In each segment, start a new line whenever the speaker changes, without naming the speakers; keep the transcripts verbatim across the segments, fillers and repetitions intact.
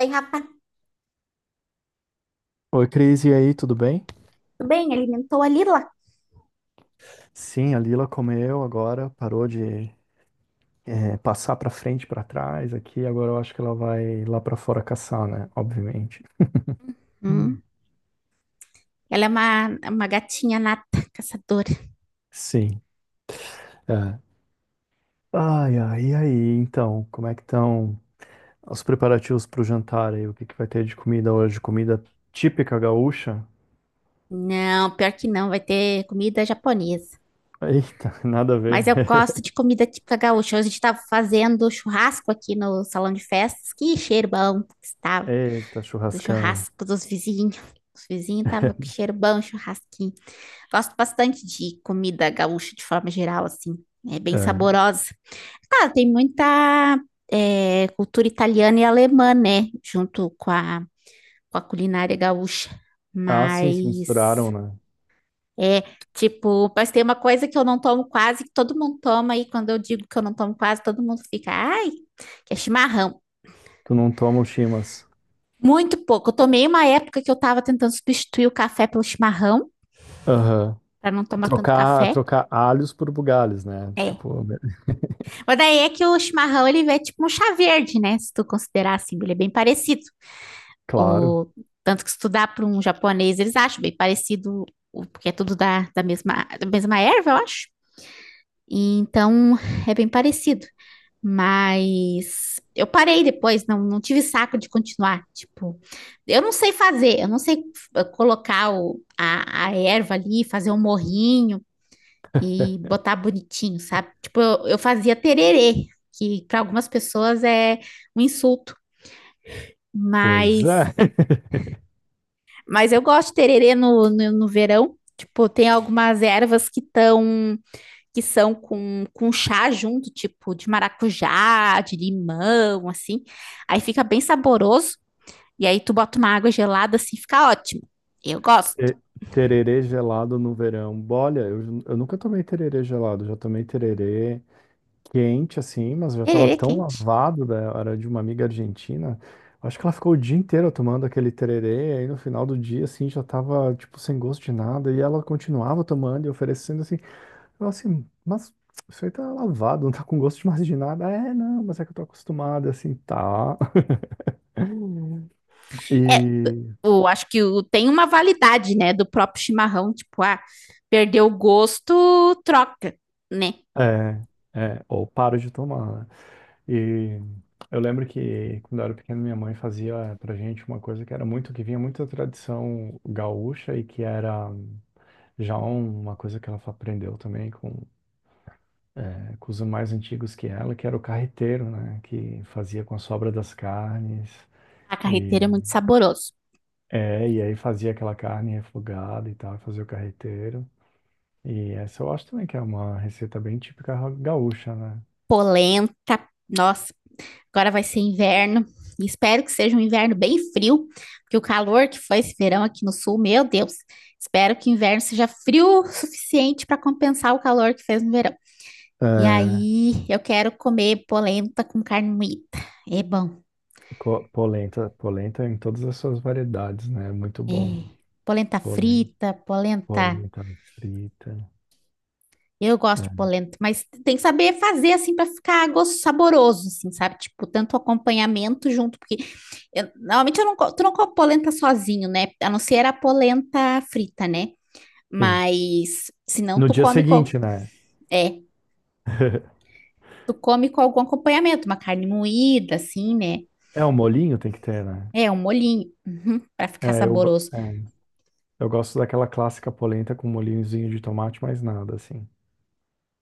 Ei, rapaz,
Oi, Cris, e aí, tudo bem?
tudo bem? Alimentou a Lila?
Sim, a Lila comeu agora, parou de eh, passar para frente, para trás aqui. Agora eu acho que ela vai lá para fora caçar, né? Obviamente. Hum.
Hum, ela é uma, uma gatinha nata, caçadora.
Sim. É. Ai, ai, e aí? Então, como é que estão os preparativos para o jantar aí? O que que vai ter de comida hoje? Comida típica gaúcha?
Não, pior que não, vai ter comida japonesa.
Eita, nada a ver.
Mas eu gosto de comida típica gaúcha. Hoje a gente estava fazendo churrasco aqui no salão de festas. Que cheiro bom que estava
Eita,
do
churrascão.
churrasco dos vizinhos. Os vizinhos estavam com cheiro bom, churrasquinho. Gosto bastante de comida gaúcha de forma geral, assim. É bem
É.
saborosa. Cara, tem muita é, cultura italiana e alemã, né? Junto com a, com a culinária gaúcha.
Ah, sim, se
Mas
misturaram, né?
é tipo, mas tem uma coisa que eu não tomo quase, que todo mundo toma, e quando eu digo que eu não tomo quase, todo mundo fica, ai, que é chimarrão.
Tu não toma o chimas.
Muito pouco. Eu tomei uma época que eu tava tentando substituir o café pelo chimarrão,
Aham.
para não tomar tanto
Trocar,
café.
trocar alhos por bugalhos, né?
É.
Tipo,
Mas daí é que o chimarrão, ele é tipo um chá verde, né? Se tu considerar assim, ele é bem parecido.
claro.
O... Tanto que se tu dá para um japonês, eles acham bem parecido, o- porque é tudo da, da mesma, da mesma erva, eu acho. E então, é bem parecido. Mas eu parei depois, não, não tive saco de continuar. Tipo, eu não sei fazer, eu não sei eh, colocar o, a, a erva ali, fazer um morrinho e botar bonitinho, sabe? Tipo, eu, eu fazia tererê, que para algumas pessoas é um insulto,
Pois
mas,
é.
mas eu gosto de tererê no, no, no verão. Tipo, tem algumas ervas que tão, que são com, com chá junto, tipo de maracujá, de limão, assim. Aí fica bem saboroso. E aí tu bota uma água gelada, assim, fica ótimo. Eu gosto.
Te- Tererê gelado no verão. Olha, eu, eu nunca tomei tererê gelado. Já tomei tererê quente, assim, mas já tava
Tererê
tão
quente.
lavado, né? Era de uma amiga argentina. Acho que ela ficou o dia inteiro tomando aquele tererê. Aí no final do dia, assim, já tava, tipo, sem gosto de nada. E ela continuava tomando e oferecendo, assim. Eu, assim, mas isso aí tá lavado, não tá com gosto de mais de nada. É, não, mas é que eu tô acostumada, assim, tá. E
O, acho que o, tem uma validade, né, do próprio chimarrão, tipo, ah, perdeu o gosto, troca, né?
é, é, ou paro de tomar, né? E eu lembro que quando eu era pequeno, minha mãe fazia pra gente uma coisa que era muito, que vinha muito da tradição gaúcha e que era já um, uma coisa que ela aprendeu também com, é, com os mais antigos que ela, que era o carreteiro, né? Que fazia com a sobra das carnes.
A carreteira é
E,
muito saboroso.
é, e aí fazia aquela carne refogada e tal, fazia o carreteiro. E essa eu acho também que é uma receita bem típica gaúcha, né?
Polenta, nossa, agora vai ser inverno. E Espero que seja um inverno bem frio, porque o calor que foi esse verão aqui no sul, meu Deus. Espero que o inverno seja frio o suficiente para compensar o calor que fez no verão. E
É,
aí, eu quero comer polenta com carne moída. É bom.
Co- Polenta, polenta em todas as suas variedades, né? Muito bom.
Polenta
Polen-
frita, polenta.
Polenta, frita.
Eu gosto de
É.
polenta, mas tem que saber fazer assim para ficar gosto saboroso, assim, sabe? Tipo, tanto acompanhamento junto, porque eu- normalmente eu não, co- tu não come polenta sozinho, né? A não ser a polenta frita, né?
Sim.
Mas se não,
No
tu
dia
come com,
seguinte, né?
é, tu come com algum acompanhamento, uma carne moída, assim, né?
É, um molinho tem que ter, né?
É, um molhinho, uhum, para ficar
É, eu, go-
saboroso.
é, eu gosto daquela clássica polenta com molhinhozinho de tomate, mais nada, assim.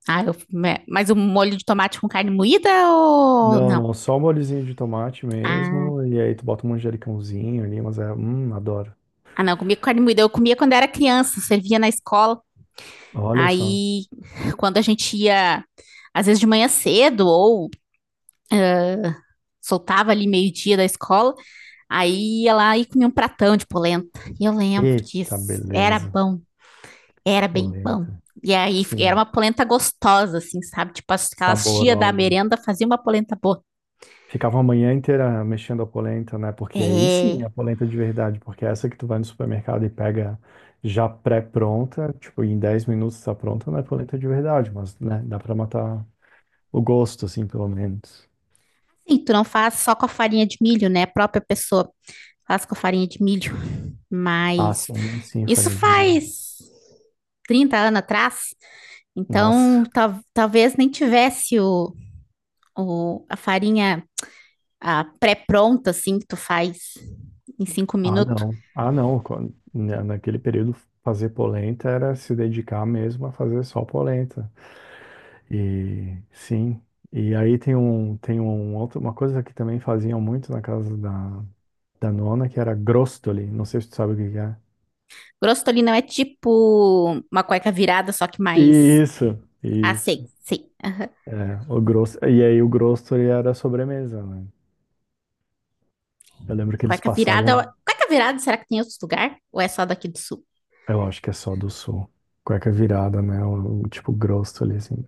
Ah, eu, é, mas um molho de tomate com carne moída ou
Não,
não?
não, só o molhozinho de tomate
Ah,
mesmo. E aí tu bota um manjericãozinho ali, mas é. Hum, adoro.
ah, não, eu comia com carne moída. Eu comia quando era criança, servia na escola.
Olha só.
Aí, quando a gente ia, às vezes de manhã cedo, ou soltava ali meio-dia da escola, aí ia lá e comia um pratão de polenta. E eu lembro
Eita,
disso. Era
beleza.
bom, era bem bom.
Polenta.
E aí era
Sim,
uma polenta gostosa, assim, sabe? Tipo, as- aquelas tia da
saborosa.
merenda faziam uma polenta boa.
Ficava a manhã inteira mexendo a polenta, né? Porque aí sim
É.
é a polenta de verdade, porque é essa que tu vai no supermercado e pega já pré-pronta, tipo, em dez minutos tá pronta, não é polenta de verdade, mas, né, dá pra matar o gosto, assim, pelo menos.
Sim, tu não faz só com a farinha de milho, né? A própria pessoa faz com a farinha de milho.
Ah,
Mas
sim, sim,
isso
farinha de milho.
faz trinta anos atrás.
Nossa.
Então, tal- talvez nem tivesse o, o- a farinha a pré-pronta, assim, que tu faz em cinco
Ah,
minutos.
não. Ah, não. Quan- na- Naquele período, fazer polenta era se dedicar mesmo a fazer só polenta. E sim. E aí tem um, tem um outro, uma coisa que também faziam muito na casa da Danona, que era Grostoli, não sei se tu sabe o que que é.
Grosstolino é tipo uma cueca virada, só que mais...
Isso,
Ah, sei,
isso.
sei.
É, o grosso, e aí o Grostoli era a sobremesa, né? Eu lembro que eles
Cueca virada...
passavam,
Cueca virada, será que tem outro lugar? Ou é só daqui do sul?
eu acho que é só do sul, cueca virada, né? O, o tipo Grostoli, assim.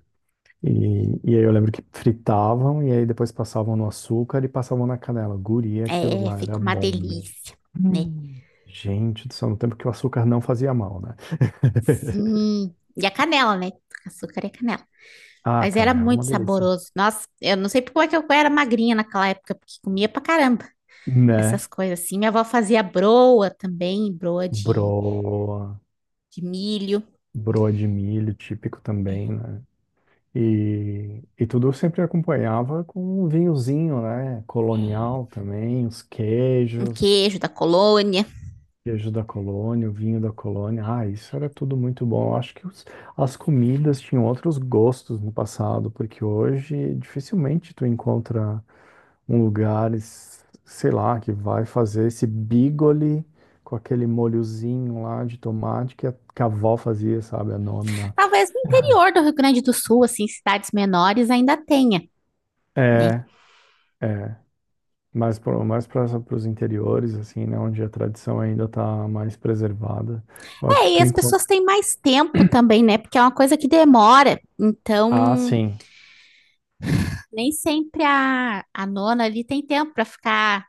E, e aí eu lembro que fritavam e aí depois passavam no açúcar e passavam na canela. Guria, aquilo
É,
lá era
fica uma
bom mesmo.
delícia, né?
Hum. Gente do céu, no tempo que o açúcar não fazia mal, né?
Sim. E a canela, né? Açúcar e canela.
Ah,
Mas era
canela, é uma
muito
delícia.
saboroso. Nossa, eu não sei como é que eu era magrinha naquela época, porque comia pra caramba.
Né?
Essas coisas assim. Minha avó fazia broa também, broa de,
Bro.
de milho,
Broa de milho típico também, né? E, e tudo eu sempre acompanhava com um vinhozinho, né? Colonial também, os
um
queijos,
queijo da colônia.
queijo da colônia, o vinho da colônia. Ah, isso era tudo muito bom. Eu acho que os- as comidas tinham outros gostos no passado, porque hoje dificilmente tu encontra um lugar, es- sei lá, que vai fazer esse bigoli com aquele molhozinho lá de tomate que a, que a avó fazia, sabe? A nona.
Talvez no interior do Rio Grande do Sul, assim, cidades menores ainda tenha, né?
É. É. mais pro- mais para os interiores, assim, né, onde a tradição ainda está mais preservada. Eu acho que
É, e
tu
as
encontra.
pessoas têm mais tempo também, né? Porque é uma coisa que demora.
Ah,
Então,
sim.
nem sempre a, a nona ali tem tempo para ficar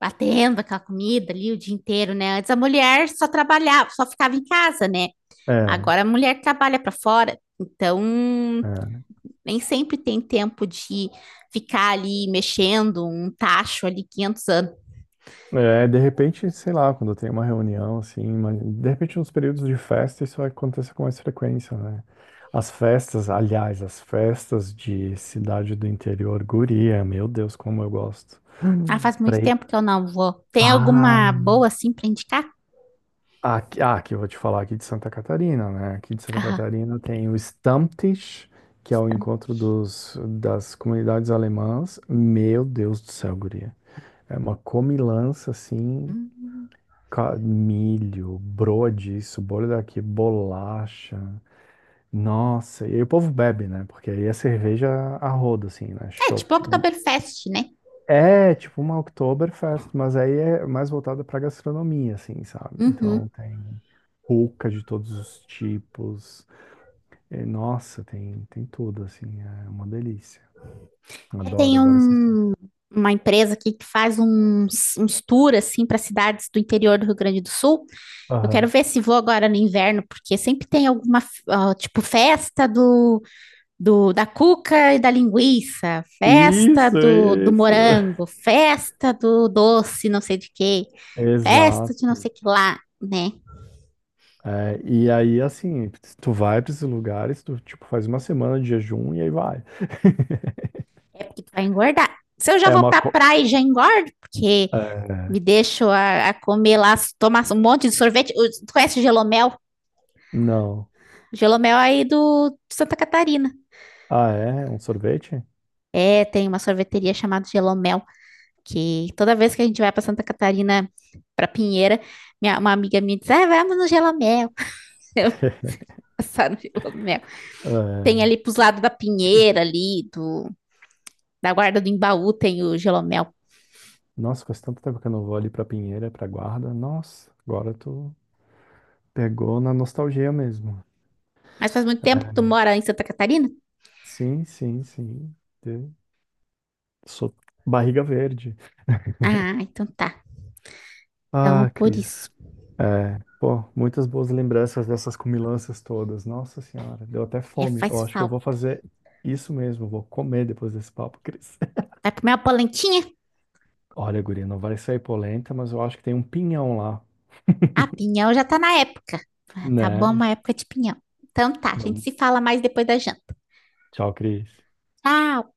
batendo aquela comida ali o dia inteiro, né? Antes a mulher só trabalhava, só ficava em casa, né?
É,
Agora a mulher trabalha para fora. Então,
é.
nem sempre tem tempo de ficar ali mexendo um tacho ali quinhentos anos.
É, de repente, sei lá, quando tem uma reunião, assim, mas de repente nos períodos de festa isso acontece com mais frequência, né? As festas, aliás, as festas de cidade do interior, guria, meu Deus, como eu gosto.
Ah,
Hum.
faz muito
Pra ir.
tempo que eu não vou. Tem alguma boa assim pra indicar?
Aqui, ah, aqui eu vou te falar aqui de Santa Catarina, né? Aqui de Santa
Aham.
Catarina tem o Stammtisch, que é o encontro dos, das comunidades alemãs. Meu Deus do céu, guria. É uma comilança assim,
Hum.
ca- milho, broa disso, bolha daqui, bolacha. Nossa, e aí o povo bebe, né? Porque aí é cerveja a rodo, assim, né?
É, tipo
Chopp.
Oktoberfest, né?
É, tipo uma Oktoberfest, mas aí é mais voltada pra gastronomia, assim, sabe?
Uhum.
Então tem pulca de todos os tipos. É, nossa, tem, tem tudo, assim, é uma delícia.
É,
Adoro,
tem
adoro essas coisas.
um, uma empresa aqui que faz uns, uns tours assim, para cidades do interior do Rio Grande do Sul. Eu quero
Aham.
ver se vou agora no inverno, porque sempre tem alguma, ah, tipo, festa do do, da cuca e da linguiça, festa
Isso,
do, do
isso.
morango, festa do doce, não sei de quê, festa de
Exato.
não sei que lá, né?
É, e aí, assim, tu vai pra esses lugares, tu, tipo, faz uma semana de jejum e aí vai.
É porque tu vai engordar. Se eu já
É
vou
uma...
pra
co-
praia e já engordo, porque
É,
me deixo a, a comer lá, tomar um monte de sorvete. Tu conhece gelomel?
não.
Gelomel é aí do de Santa Catarina.
Ah, é? Um sorvete?
É, tem uma sorveteria chamada Gelomel, que toda vez que a gente vai para Santa Catarina, para Pinheira, minha, uma amiga me diz, ah, vamos no Gelomel. Eu, passar no Gelomel. Tem
É.
ali pros lados da Pinheira ali, do, da Guarda do Embaú tem o Gelomel.
Nossa, faz tanto tempo que eu não vou ali pra Pinheira, pra Guarda. Nossa, agora tu pegou na nostalgia mesmo.
Mas faz muito tempo que tu mora em Santa Catarina?
Sim, sim, sim. Eu sou barriga verde.
Ah, então tá. Então é
Ah,
por isso.
Cris. É, pô, muitas boas lembranças dessas comilanças todas. Nossa senhora, deu até
É,
fome. Eu
faz
acho que eu vou
falta.
fazer isso mesmo, vou comer depois desse papo, Cris.
Vai comer uma polentinha?
Olha, guria, não vai sair polenta, mas eu acho que tem um pinhão lá,
Ah, pinhão já tá na época. Ah, tá bom,
né?
uma época de pinhão. Então tá, a gente
Vamos.
se fala mais depois da janta.
Tchau, Cris.
Tchau!